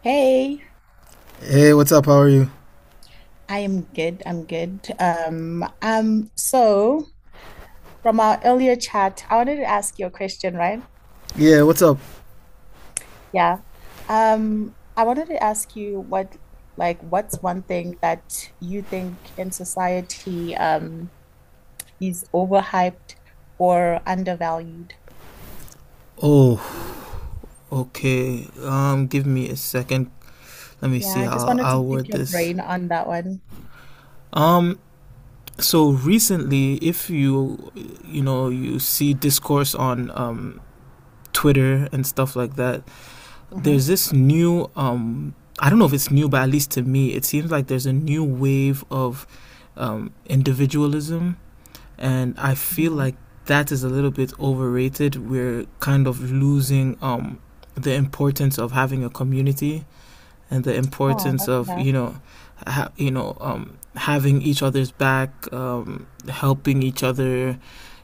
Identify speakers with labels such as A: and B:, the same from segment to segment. A: Hey,
B: Hey, what's up? How are you?
A: I am good. I'm good. So from our earlier chat, I wanted to ask you a question, right?
B: Yeah, what's up?
A: Yeah. I wanted to ask you what's one thing that you think in society, is overhyped or undervalued?
B: Oh, okay. Give me a second. Let me
A: Yeah,
B: see
A: I just
B: how
A: wanted to
B: I'll
A: pick
B: word
A: your
B: this.
A: brain on that one.
B: Um, so recently, if you you see discourse on Twitter and stuff like that,
A: Mm-hmm.
B: there's this new. I don't know if it's new, but at least to me, it seems like there's a new wave of individualism, and I feel
A: hmm
B: like that is a little bit overrated. We're kind of losing the importance of having a community and the
A: Oh,
B: importance
A: that's
B: of
A: yeah.
B: having each other's back, helping each other.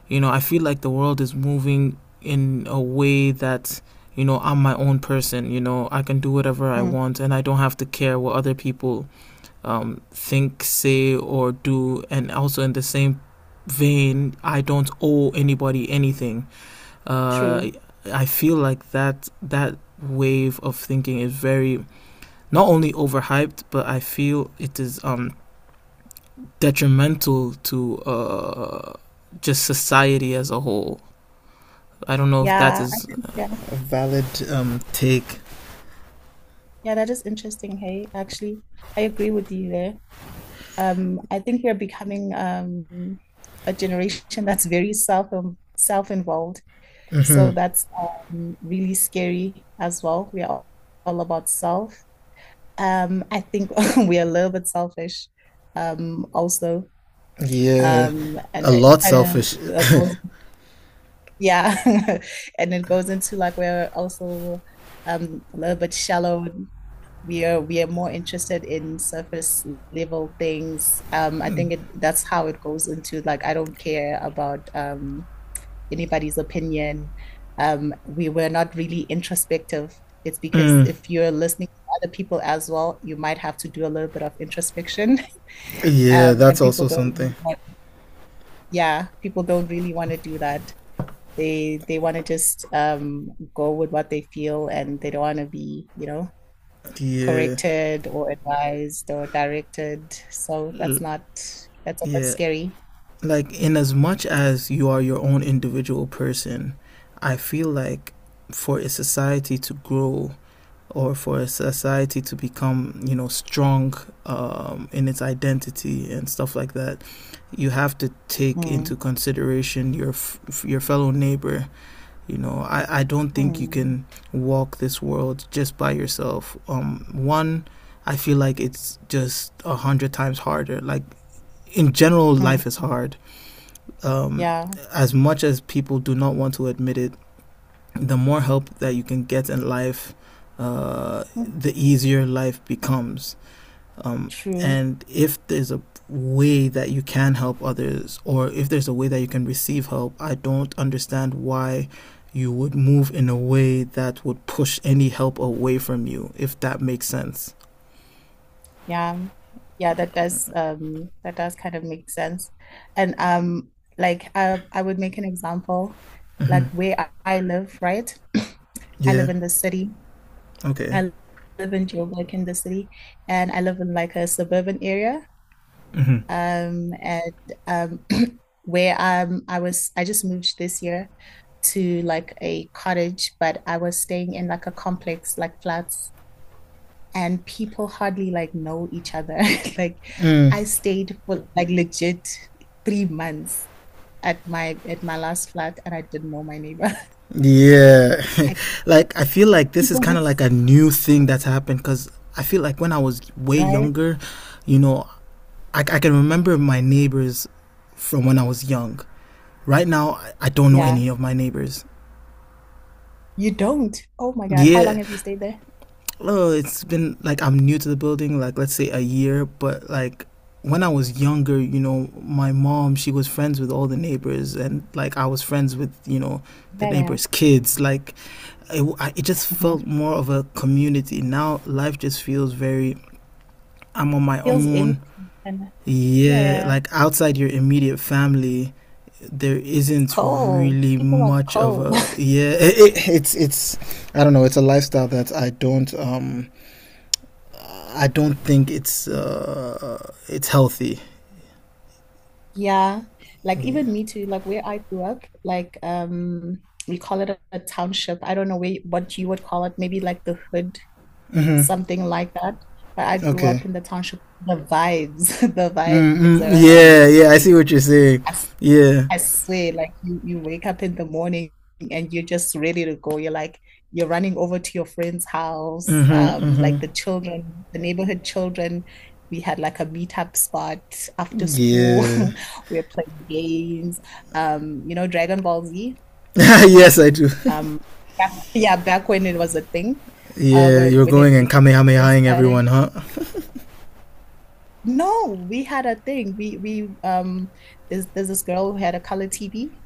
B: You know, I feel like the world is moving in a way that, you know, I'm my own person. You know, I can do whatever I
A: Mm,
B: want, and I don't have to care what other people think, say, or do. And also in the same vein, I don't owe anybody anything. Uh,
A: true.
B: I feel like that wave of thinking is very not only overhyped, but I feel it is detrimental to just society as a whole. I don't know if that
A: Yeah, I
B: is
A: think yeah,
B: a valid take.
A: yeah, that is interesting. Hey, actually, I agree with you there. I think we're becoming a generation that's very self-involved. So that's really scary as well. We are all about self. I think we are a little bit selfish also.
B: Yeah,
A: And
B: a
A: it
B: lot
A: kind
B: selfish.
A: of goes, yeah, and it goes into like we're also a little bit shallow. We are more interested in surface level things. That's how it goes into like I don't care about anybody's opinion. We were not really introspective. It's because if you're listening to other people as well, you might have to do a little bit of introspection.
B: Yeah,
A: And
B: that's
A: people
B: also
A: don't, really
B: something.
A: want, yeah, people don't really want to do that. They want to just go with what they feel, and they don't want to be, you know,
B: Yeah,
A: corrected or advised or directed. So that's not, that's a bit
B: yeah.
A: scary.
B: Like, in as much as you are your own individual person, I feel like for a society to grow or for a society to become, you know, strong in its identity and stuff like that, you have to take into
A: Mm,
B: consideration your your fellow neighbor. You know, I don't think you
A: mm,
B: can walk this world just by yourself, one. I feel like it's just 100 times harder. Like in general, life is
A: mm.
B: hard. um,
A: Yeah,
B: as much as people do not want to admit it, the more help that you can get in life,
A: mm,
B: the easier life becomes. Um,
A: true.
B: and if there's a way that you can help others, or if there's a way that you can receive help, I don't understand why you would move in a way that would push any help away from you, if that makes sense.
A: Yeah. Yeah, that does kind of make sense. And like I would make an example like where I live, right? I
B: Yeah,
A: live in the city.
B: okay.
A: I live in Joburg in the city and I live in like a suburban area. And um where I was I just moved this year to like a cottage, but I was staying in like a complex like flats and people hardly like know each other. Like I stayed for like legit 3 months at my last flat and I didn't know my neighbor.
B: Yeah.
A: I,
B: Like, I feel like this is
A: people
B: kind of like
A: just
B: a new thing that's happened, cuz I feel like when I was way
A: right?
B: younger, you know, I can remember my neighbors from when I was young. Right now, I don't know
A: Yeah.
B: any of my neighbors.
A: You don't. Oh my God. How long
B: Yeah,
A: have you stayed there?
B: oh, it's been like, I'm new to the building, like let's say a year, but like when I was younger, you know, my mom, she was friends with all the neighbors, and like I was friends with, you know, the
A: Yeah, yeah.
B: neighbors' kids. Like it just
A: hmm
B: felt more of a community. Now life just feels very, I'm on my
A: Feels
B: own.
A: empty and yeah,
B: Yeah,
A: yeah.
B: like outside your immediate family, there
A: It's
B: isn't
A: cold.
B: really
A: People are
B: much of
A: cold.
B: a yeah. It's I don't know. It's a lifestyle that I don't think it's healthy.
A: Yeah. Like
B: Yeah.
A: even me too, like where I grew up, we call it a township. I don't know where, what you would call it, maybe like the hood something like that. But I grew up
B: Okay.
A: in the township. The vibes, the vibes are
B: Yeah, yeah, I
A: amazing.
B: see what you're saying.
A: I
B: Yeah,
A: I swear, like you wake up in the morning and you're just ready to go. You're like, you're running over to your friend's house. Like the children, the neighborhood children, we had like a meetup spot after school.
B: yeah.
A: We're playing games. You know, Dragon Ball Z.
B: Yes, I do.
A: Um, yeah, back when it was a thing,
B: Yeah, you're
A: when
B: going and
A: it first
B: kamehamehaing everyone,
A: started.
B: huh?
A: No, we had a thing. We there's this girl who had a color TV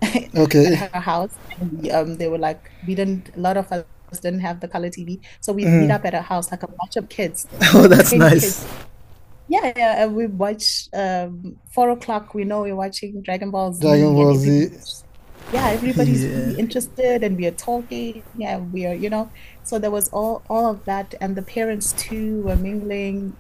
A: at
B: Okay.
A: her house and we they were like we didn't, a lot of us didn't have the color TV. So we'd meet
B: Mm.
A: up at her house like a bunch of kids,
B: Oh,
A: like
B: that's
A: 20 kids.
B: nice.
A: Yeah, yeah, and we watch 4 o'clock, we know we're watching Dragon Ball
B: Dragon
A: Z and
B: Ball Z.
A: everybody's yeah, everybody's
B: Yeah,
A: really interested and we are talking. Yeah, we are, you know. So there was all of that and the parents too were mingling.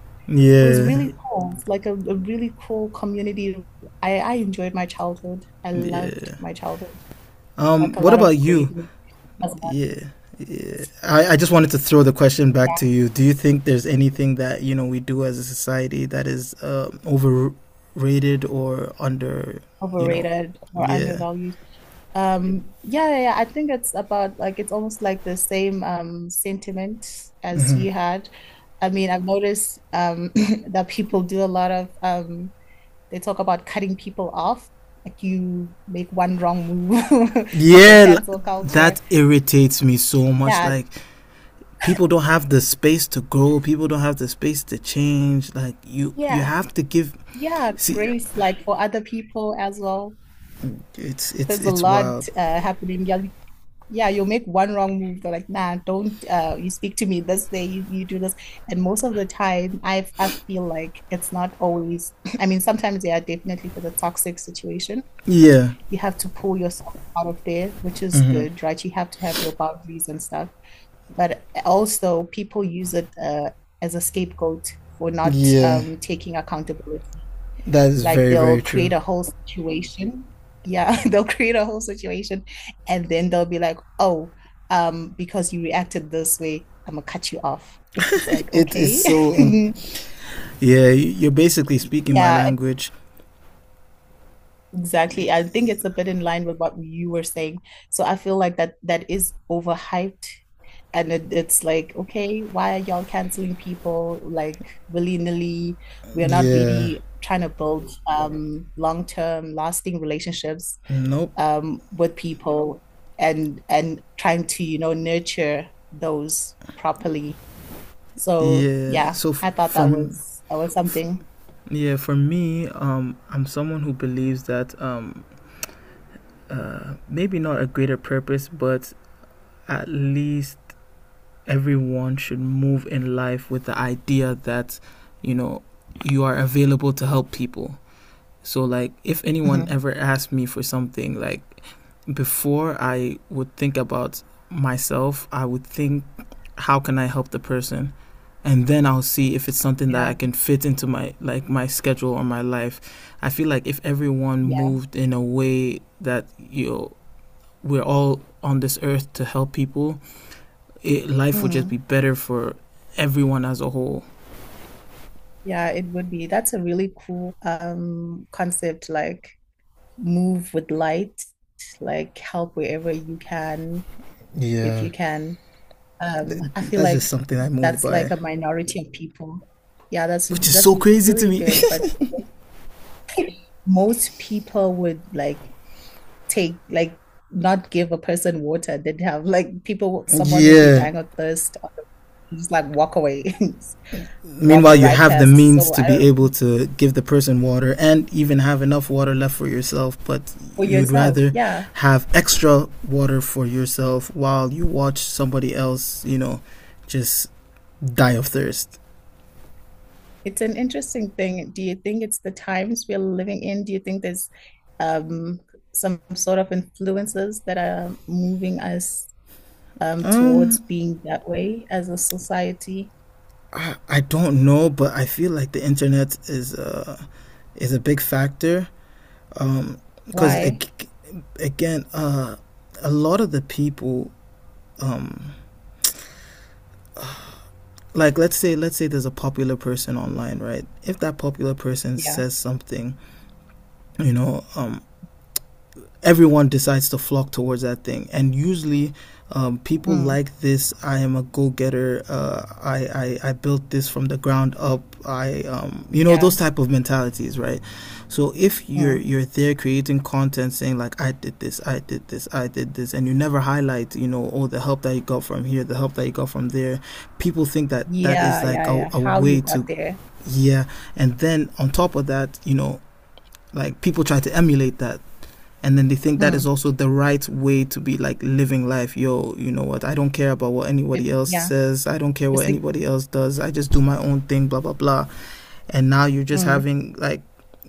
A: It was
B: yeah,
A: really cool. It's like a really cool community. I enjoyed my childhood. I loved
B: yeah.
A: my childhood. Like a
B: What
A: lot
B: about
A: of great
B: you?
A: movies as well.
B: Yeah. Yeah. I just wanted to throw the question back
A: Yeah,
B: to you. Do you think there's anything that you know we do as a society that is overrated or under? You know,
A: overrated or
B: yeah,
A: undervalued. Yeah, I think it's about like it's almost like the same sentiment as you had. I mean, I've noticed that people do a lot of they talk about cutting people off. Like you make one wrong move, like the
B: yeah.
A: cancel culture.
B: That irritates me so much.
A: Yeah,
B: Like, people don't have the space to grow. People don't have the space to change. Like, you
A: yeah.
B: have to give.
A: Yeah,
B: See,
A: grace like for other people as well. There's a
B: it's
A: lot
B: wild.
A: happening. Yeah, yeah, you'll make one wrong move. They're like, nah, don't you speak to me this way, you do this. And most of the time, I feel like it's not always. I mean, sometimes yeah, definitely for the toxic situation,
B: Yeah,
A: you have to pull yourself out of there, which is good, right? You have to have your boundaries and stuff. But also, people use it as a scapegoat for not
B: yeah.
A: taking accountability.
B: That is
A: Like
B: very
A: they'll
B: very true.
A: create a whole situation. Yeah, they'll create a whole situation and then they'll be like, oh, because you reacted this way, I'm gonna cut you off. It's like,
B: It is
A: okay.
B: so in. Yeah, you- are basically speaking my
A: Yeah, e-
B: language.
A: exactly. I think it's a bit in line with what you were saying. So I feel like that is overhyped and it's like, okay, why are y'all canceling people like willy-nilly? We're not
B: Yeah.
A: really trying to build long-term lasting relationships.
B: Nope.
A: With people and trying to, you know, nurture those properly. So
B: Yeah.
A: yeah,
B: So
A: I thought
B: for
A: that was
B: f-
A: something.
B: yeah, for me, I'm someone who believes that maybe not a greater purpose, but at least everyone should move in life with the idea that, you know, you are available to help people. So like, if anyone
A: Mhm.
B: ever asked me for something, like before I would think about myself, I would think, how can I help the person? And then I'll see if it's something that
A: Yeah,
B: I can fit into my like my schedule or my life. I feel like if everyone
A: yeah.
B: moved in a way that, you know, we're all on this earth to help people, it, life would just
A: Mm.
B: be better for everyone as a whole.
A: Yeah, it would be. That's a really cool concept, like move with light, like help wherever you can, if
B: Yeah.
A: you can. I feel
B: That's just
A: like
B: something I move
A: that's
B: by,
A: like a minority of people. Yeah, that's
B: which is
A: that's
B: so crazy to
A: really
B: me.
A: good, but most people would like take like not give a person water. They'd have like people someone will be
B: Yeah.
A: dying of thirst, just like walk away. Walk
B: Meanwhile, you
A: right
B: have the
A: past.
B: means
A: So
B: to
A: I don't
B: be
A: know,
B: able to give the person water and even have enough water left for yourself, but
A: for
B: you would
A: yourself,
B: rather
A: yeah,
B: have extra water for yourself while you watch somebody else, you know, just die of thirst.
A: it's an interesting thing. Do you think it's the times we're living in? Do you think there's um some sort of influences that are moving us towards
B: Um,
A: being that way as a society?
B: I don't know, but I feel like the internet is a big factor. Um, because
A: Why?
B: ag- Again, a lot of the people um like, let's say there's a popular person online, right? If that popular person
A: Yeah,
B: says something, you know um everyone decides to flock towards that thing. And usually, people
A: mm.
B: like this. I am a go-getter. I built this from the ground up. I you know, those
A: yeah,
B: type of mentalities, right? So if you're
A: mm.
B: you're there creating content saying like I did this, I did this, I did this, and you never highlight, you know, all the help that you got from here, the help that you got from there, people think that that is
A: yeah,
B: like
A: yeah, yeah,
B: a
A: how you
B: way
A: got
B: to
A: there,
B: yeah. And then on top of that, you know, like people try to emulate that, and then they think that is
A: mm.
B: also the right way to be like living life. Yo, you know what, I don't care about what anybody else
A: Yeah,
B: says, I don't care what
A: just like,
B: anybody else does, I just do my own thing, blah blah blah. And now you're just
A: mm,
B: having like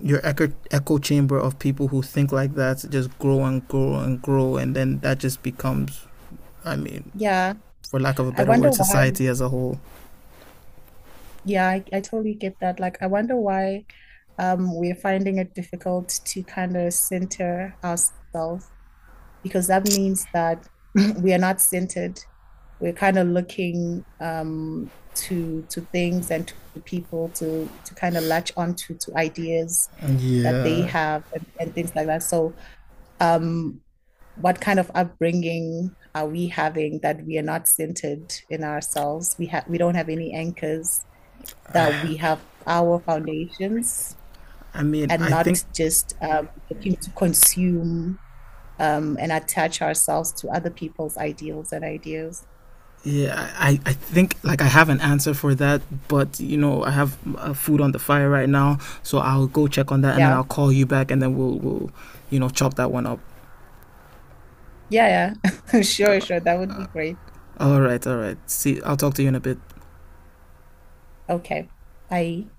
B: your echo chamber of people who think like that just grow and grow and grow, and then that just becomes, I mean,
A: yeah.
B: for lack of a
A: I
B: better
A: wonder
B: word,
A: why.
B: society as a whole.
A: Yeah, I totally get that. Like, I wonder why we're finding it difficult to kind of center ourselves, because that means that we are not centered. We're kind of looking to things and to people to kind of latch onto to ideas that they
B: Yeah.
A: have and things like that. So um, what kind of upbringing are we having that we are not centered in ourselves? We don't have any anchors that we have, our foundations,
B: I mean,
A: and
B: I think,
A: not just looking to consume and attach ourselves to other people's ideals and ideas.
B: yeah, I think like I have an answer for that, but you know I have food on the fire right now, so I'll go check on that, and then
A: Yeah,
B: I'll call you back, and then we'll you know chop that one up.
A: yeah, yeah. Sure, sure. That would be great.
B: All right, all right. See, I'll talk to you in a bit.
A: Okay, bye.